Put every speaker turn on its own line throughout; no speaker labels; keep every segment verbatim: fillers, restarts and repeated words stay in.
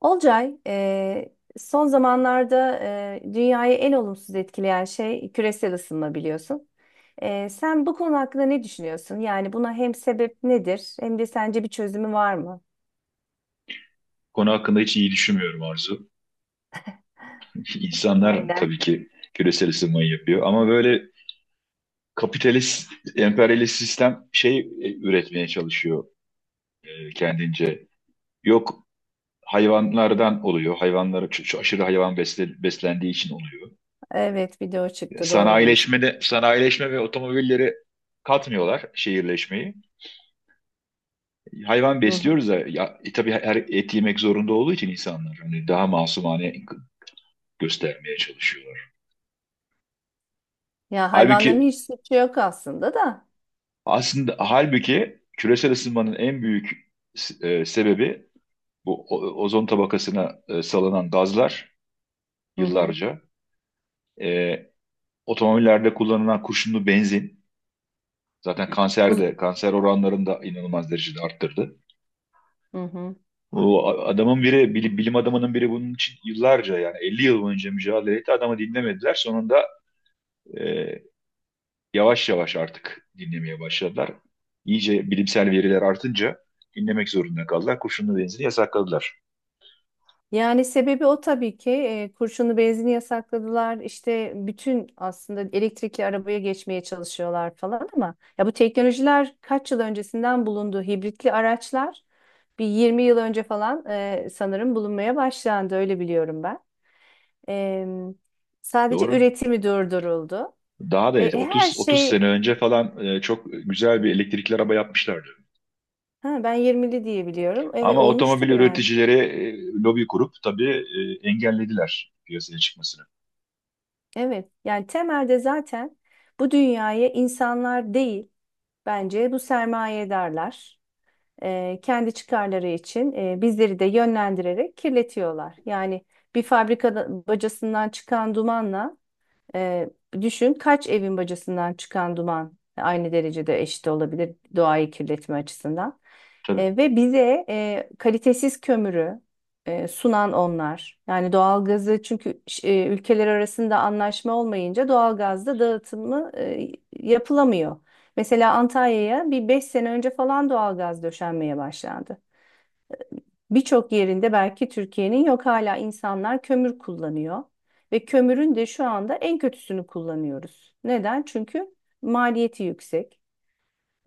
Olcay, e, son zamanlarda e, dünyayı en olumsuz etkileyen şey küresel ısınma biliyorsun. E, sen bu konu hakkında ne düşünüyorsun? Yani buna hem sebep nedir hem de sence bir çözümü var mı?
Konu hakkında hiç iyi düşünmüyorum, Arzu. İnsanlar tabii
Aynen.
ki küresel ısınmayı yapıyor ama böyle kapitalist, emperyalist sistem şey e, üretmeye çalışıyor, e, kendince. Yok, hayvanlardan oluyor. Hayvanlara ç- ç- aşırı hayvan besle- beslendiği için oluyor.
Evet, bir de o çıktı, doğru diyorsun.
Sanayileşme de sanayileşme ve otomobilleri katmıyorlar şehirleşmeyi. Hayvan
Hı hı.
besliyoruz da ya, e, tabii her et yemek zorunda olduğu için insanlar hani daha masumane göstermeye çalışıyorlar.
Ya hayvanların
Halbuki
hiç suçu yok aslında da.
Aslında halbuki küresel ısınmanın en büyük e, sebebi bu o- ozon tabakasına e, salınan gazlar
Hı hı.
yıllarca. E, Otomobillerde kullanılan kurşunlu benzin zaten
Uz-
kanserde kanser oranlarını da inanılmaz derecede arttırdı.
Hı hı.
Bu a- adamın biri bili- bilim adamının biri bunun için yıllarca, yani elli yıl boyunca mücadele etti. Adamı dinlemediler. Sonunda e, yavaş yavaş artık dinlemeye başladılar. İyice bilimsel veriler artınca dinlemek zorunda kaldılar. Kurşunlu benzini yasakladılar.
Yani sebebi o tabii ki, e, kurşunlu benzini yasakladılar. İşte bütün aslında elektrikli arabaya geçmeye çalışıyorlar falan, ama ya bu teknolojiler kaç yıl öncesinden bulundu, hibritli araçlar bir yirmi yıl önce falan e, sanırım bulunmaya başlandı, öyle biliyorum ben. E, Sadece
Doğru.
üretimi durduruldu.
Daha da
E,
eski.
e, her
otuz otuz sene
şey,
önce falan, e, çok güzel bir elektrikli araba yapmışlardı.
ha, ben yirmili diye biliyorum, evet,
Ama
olmuştur
otomobil
yani.
üreticileri e, lobi kurup tabii e, engellediler piyasaya çıkmasını.
Evet, yani temelde zaten bu dünyaya insanlar değil, bence bu sermayedarlar e, kendi çıkarları için e, bizleri de yönlendirerek kirletiyorlar. Yani bir fabrika bacasından çıkan dumanla, ee, düşün, kaç evin bacasından çıkan duman aynı derecede eşit olabilir doğayı kirletme açısından.
Tabii.
Ee, ve bize e, kalitesiz kömürü e, sunan onlar. Yani doğalgazı, çünkü ş- e, ülkeler arasında anlaşma olmayınca doğalgazda dağıtımı e, yapılamıyor. Mesela Antalya'ya bir beş sene önce falan doğalgaz döşenmeye başlandı. Birçok yerinde belki Türkiye'nin yok, hala insanlar kömür kullanıyor ve kömürün de şu anda en kötüsünü kullanıyoruz. Neden? Çünkü maliyeti yüksek.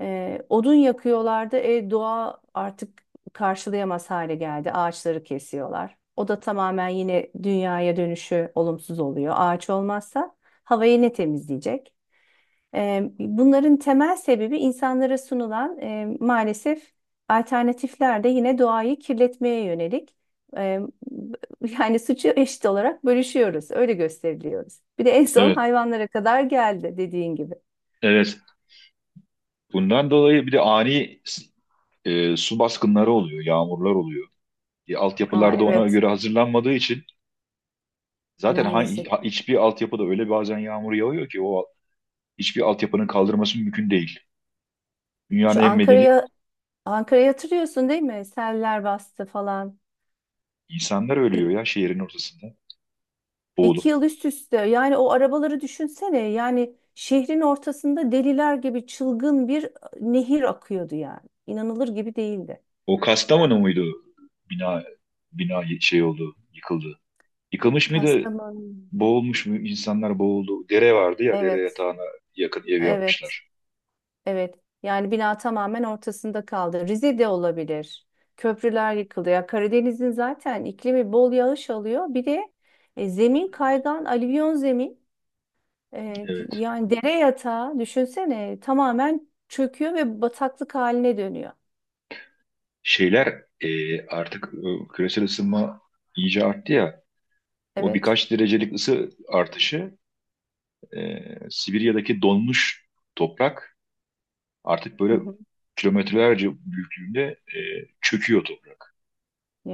Ee, odun yakıyorlardı. E, doğa artık karşılayamaz hale geldi. Ağaçları kesiyorlar. O da tamamen yine dünyaya dönüşü olumsuz oluyor. Ağaç olmazsa havayı ne temizleyecek? E, bunların temel sebebi insanlara sunulan, e, maalesef alternatifler de yine doğayı kirletmeye yönelik. E, Yani suçu eşit olarak bölüşüyoruz, öyle gösteriliyoruz. Bir de en son
Evet.
hayvanlara kadar geldi dediğin gibi.
Evet. Bundan dolayı bir de ani e, su baskınları oluyor, yağmurlar oluyor. E,
Aa,
altyapılarda ona
evet,
göre hazırlanmadığı için zaten hangi,
maalesef.
ha- hiçbir altyapıda öyle bazen yağmur yağıyor ki o hiçbir altyapının kaldırması mümkün değil. Dünyanın
Şu
en medeni
Ankara'ya, Ankara'yı hatırlıyorsun değil mi? Seller bastı falan.
insanlar ölüyor ya şehrin ortasında
İki
boğulup.
yıl üst üste, yani o arabaları düşünsene, yani şehrin ortasında deliler gibi çılgın bir e, nehir akıyordu yani. İnanılır gibi değildi.
O Kastamonu muydu? Bina bina şey oldu, yıkıldı. Yıkılmış mıydı?
Kastamonu.
Boğulmuş mu? İnsanlar boğuldu. Dere vardı ya, dere
Evet,
yatağına yakın ev
evet,
yapmışlar.
evet. Yani bina tamamen ortasında kaldı. Rize de olabilir. Köprüler yıkıldı. Ya Karadeniz'in zaten iklimi bol yağış alıyor. Bir de e, zemin kaygan, alüvyon zemin. E,
Evet.
yani dere yatağı düşünsene, tamamen çöküyor ve bataklık haline dönüyor.
Şeyler e, artık e, küresel ısınma iyice arttı ya. O
Evet.
birkaç derecelik ısı artışı e, Sibirya'daki donmuş toprak artık
Hı
böyle
hı.
kilometrelerce büyüklüğünde e, çöküyor toprak.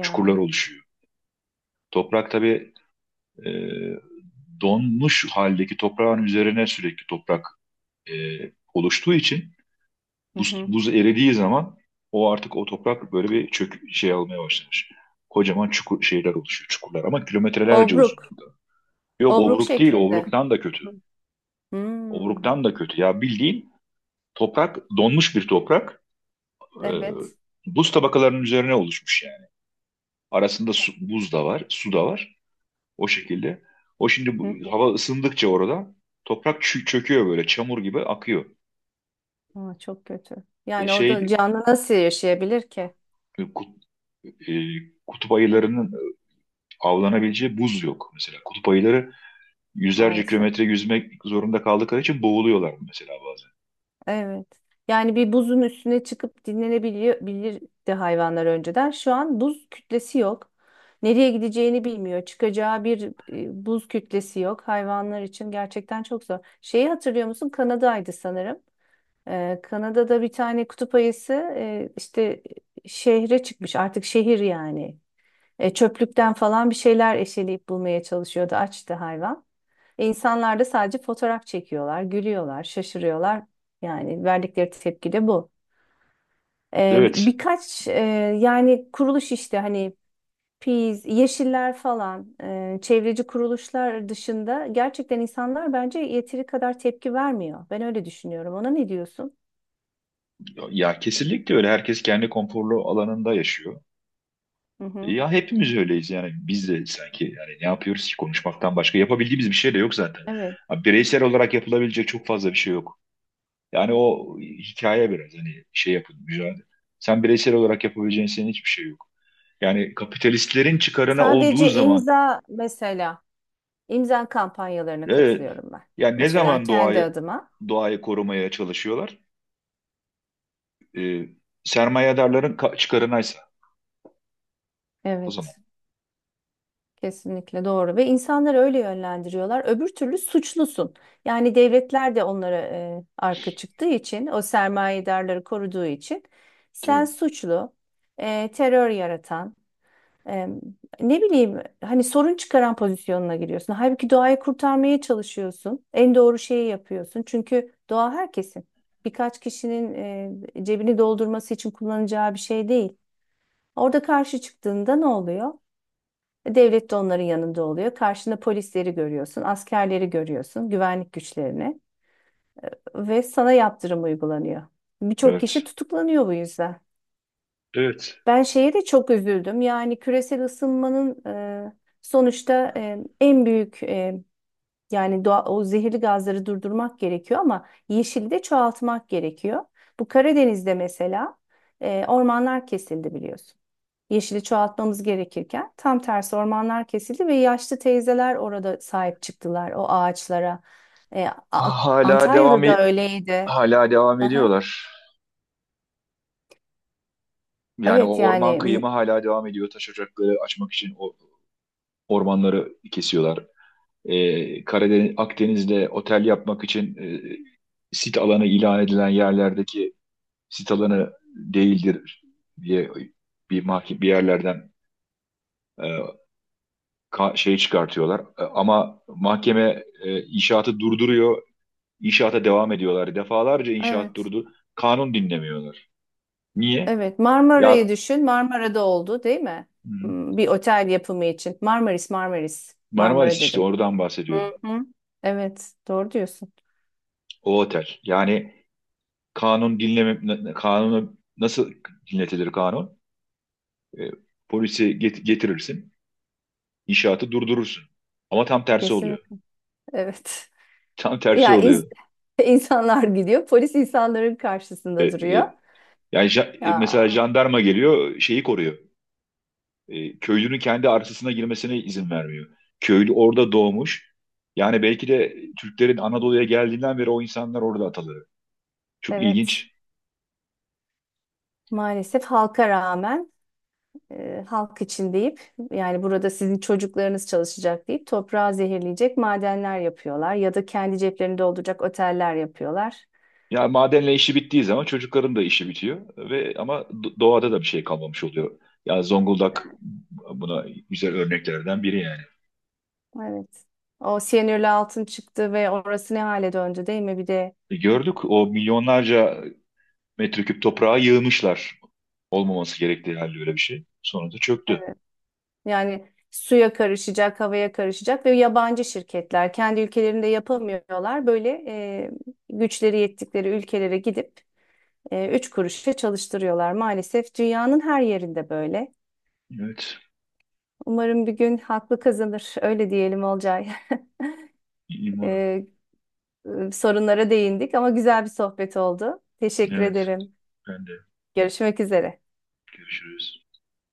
Çukurlar oluşuyor. Toprak tabii e, donmuş haldeki toprağın üzerine sürekli toprak e, oluştuğu için
Hı
buz,
hı.
buz eridiği zaman o artık o toprak böyle bir çök şey almaya başlamış. Kocaman çukur şeyler oluşuyor, çukurlar ama kilometrelerce
Obruk.
uzunluğunda. Yok,
Obruk
obruk değil,
şeklinde.
obruktan da kötü.
Hı. Hmm.
Obruktan da kötü. Ya bildiğin toprak, donmuş bir toprak, e,
Evet.
buz tabakalarının üzerine oluşmuş yani. Arasında su, buz da var, su da var. O şekilde. O şimdi
Hı
bu,
hı.
hava ısındıkça orada toprak çö- çöküyor böyle çamur gibi akıyor.
Aa, çok kötü.
E
Yani orada
şey
canlı nasıl yaşayabilir ki,
e, kut, e, Kutup ayılarının avlanabileceği buz yok mesela. Kutup ayıları yüzlerce
maalesef.
kilometre yüzmek zorunda kaldıkları için boğuluyorlar mesela bazen.
Evet. Yani bir buzun üstüne çıkıp dinlenebiliyor bilirdi hayvanlar önceden. Şu an buz kütlesi yok. Nereye gideceğini bilmiyor. Çıkacağı bir e, buz kütlesi yok. Hayvanlar için gerçekten çok zor. Şeyi hatırlıyor musun? Kanada'ydı sanırım. Ee, Kanada'da bir tane kutup ayısı e, işte şehre çıkmış, artık şehir yani. E, çöplükten falan bir şeyler eşeleyip bulmaya çalışıyordu, açtı hayvan. E, İnsanlar da sadece fotoğraf çekiyorlar, gülüyorlar, şaşırıyorlar. Yani verdikleri tepki de bu. E,
Evet,
birkaç e, yani kuruluş, işte hani Peace, Yeşiller falan, e, çevreci kuruluşlar dışında gerçekten insanlar bence yeteri kadar tepki vermiyor. Ben öyle düşünüyorum. Ona ne diyorsun?
ya kesinlikle öyle. Herkes kendi konforlu alanında yaşıyor.
Hı hı.
Ya hepimiz öyleyiz, yani biz de sanki, yani ne yapıyoruz ki konuşmaktan başka yapabildiğimiz bir şey de yok zaten.
Evet.
Abi, bireysel olarak yapılabilecek çok fazla bir şey yok. Yani o hikaye biraz hani şey yapın mücadele. Sen bireysel olarak yapabileceğin senin hiçbir şey yok. Yani kapitalistlerin çıkarına olduğu
Sadece
zaman
imza mesela, imza kampanyalarına
evet,
katılıyorum ben.
yani ne
Mesela
zaman
kendi
doğayı
adıma.
doğayı korumaya çalışıyorlar? Ee, Sermayedarların ka- çıkarınaysa o zaman.
Evet, kesinlikle doğru ve insanları öyle yönlendiriyorlar. Öbür türlü suçlusun. Yani devletler de onlara e, arka çıktığı için, o sermayedarları koruduğu için sen
Tabii.
suçlu, e, terör yaratan, Eee, ne bileyim hani sorun çıkaran pozisyonuna giriyorsun. Halbuki doğayı kurtarmaya çalışıyorsun. En doğru şeyi yapıyorsun. Çünkü doğa herkesin. Birkaç kişinin eee, cebini doldurması için kullanacağı bir şey değil. Orada karşı çıktığında ne oluyor? E, Devlet de onların yanında oluyor. Karşında polisleri görüyorsun, askerleri görüyorsun, güvenlik güçlerini ve sana yaptırım uygulanıyor. Birçok kişi
Evet.
tutuklanıyor bu yüzden.
Evet.
Ben şeye de çok üzüldüm. Yani küresel ısınmanın e, sonuçta e, en büyük e, yani doğa, o zehirli gazları durdurmak gerekiyor ama yeşili de çoğaltmak gerekiyor. Bu Karadeniz'de mesela e, ormanlar kesildi biliyorsun. Yeşili çoğaltmamız gerekirken tam tersi ormanlar kesildi ve yaşlı teyzeler orada sahip çıktılar o ağaçlara. E, A-
Ha- Hala devam
Antalya'da da
e-
öyleydi.
hala devam
Hı hı.
ediyorlar. Yani
Evet
o orman
yani mu-
kıyımı hala devam ediyor. Taş ocakları açmak için o ormanları kesiyorlar. E, Karadeniz, Akdeniz'de otel yapmak için e, sit alanı ilan edilen yerlerdeki sit alanı değildir diye bir mahke bir yerlerden e, ka- şey çıkartıyorlar. E, ama mahkeme e, inşaatı durduruyor. İnşaata devam ediyorlar. Defalarca inşaat
evet.
durdu. Kanun dinlemiyorlar. Niye?
Evet, Marmara'yı
Ya,
düşün. Marmara'da oldu, değil mi?
hı,
Hmm, bir otel yapımı için. Marmaris, Marmaris.
Marmaris
Marmara
işte
dedim.
oradan
Hı
bahsediyorum.
hı. Evet, doğru diyorsun.
O otel. Yani kanun dinleme kanunu nasıl dinletilir kanun? E, Polisi get- getirirsin, inşaatı durdurursun. Ama tam tersi oluyor.
Kesinlikle. Evet.
Tam tersi
Ya ins-
oluyor.
insanlar gidiyor, polis insanların
E,
karşısında duruyor.
e, yani ja- e, mesela
Ya
jandarma geliyor, şeyi koruyor. E, köylünün kendi arsasına girmesine izin vermiyor. Köylü orada doğmuş. Yani belki de Türklerin Anadolu'ya geldiğinden beri o insanlar orada atalı. Çok
evet.
ilginç.
Maalesef halka rağmen, e, halk için deyip, yani burada sizin çocuklarınız çalışacak deyip toprağı zehirleyecek madenler yapıyorlar ya da kendi ceplerini dolduracak oteller yapıyorlar.
Ya madenle işi bittiği zaman çocukların da işi bitiyor ve ama do- doğada da bir şey kalmamış oluyor. Ya Zonguldak buna güzel örneklerden biri yani.
Evet. O siyanürlü altın çıktı ve orası ne hale döndü, değil mi? Bir de
E, Gördük o milyonlarca metreküp toprağa yığmışlar. Olmaması gerektiği halde öyle bir şey. Sonra da çöktü.
evet, yani suya karışacak, havaya karışacak ve yabancı şirketler kendi ülkelerinde yapamıyorlar. Böyle e, güçleri yettikleri ülkelere gidip e, üç kuruşa çalıştırıyorlar. Maalesef dünyanın her yerinde böyle.
Evet.
Umarım bir gün haklı kazanır. Öyle diyelim Olcay.
İyi umarım.
E, e, sorunlara değindik ama güzel bir sohbet oldu. Teşekkür
Evet.
ederim.
Ben de.
Görüşmek üzere.
Görüşürüz.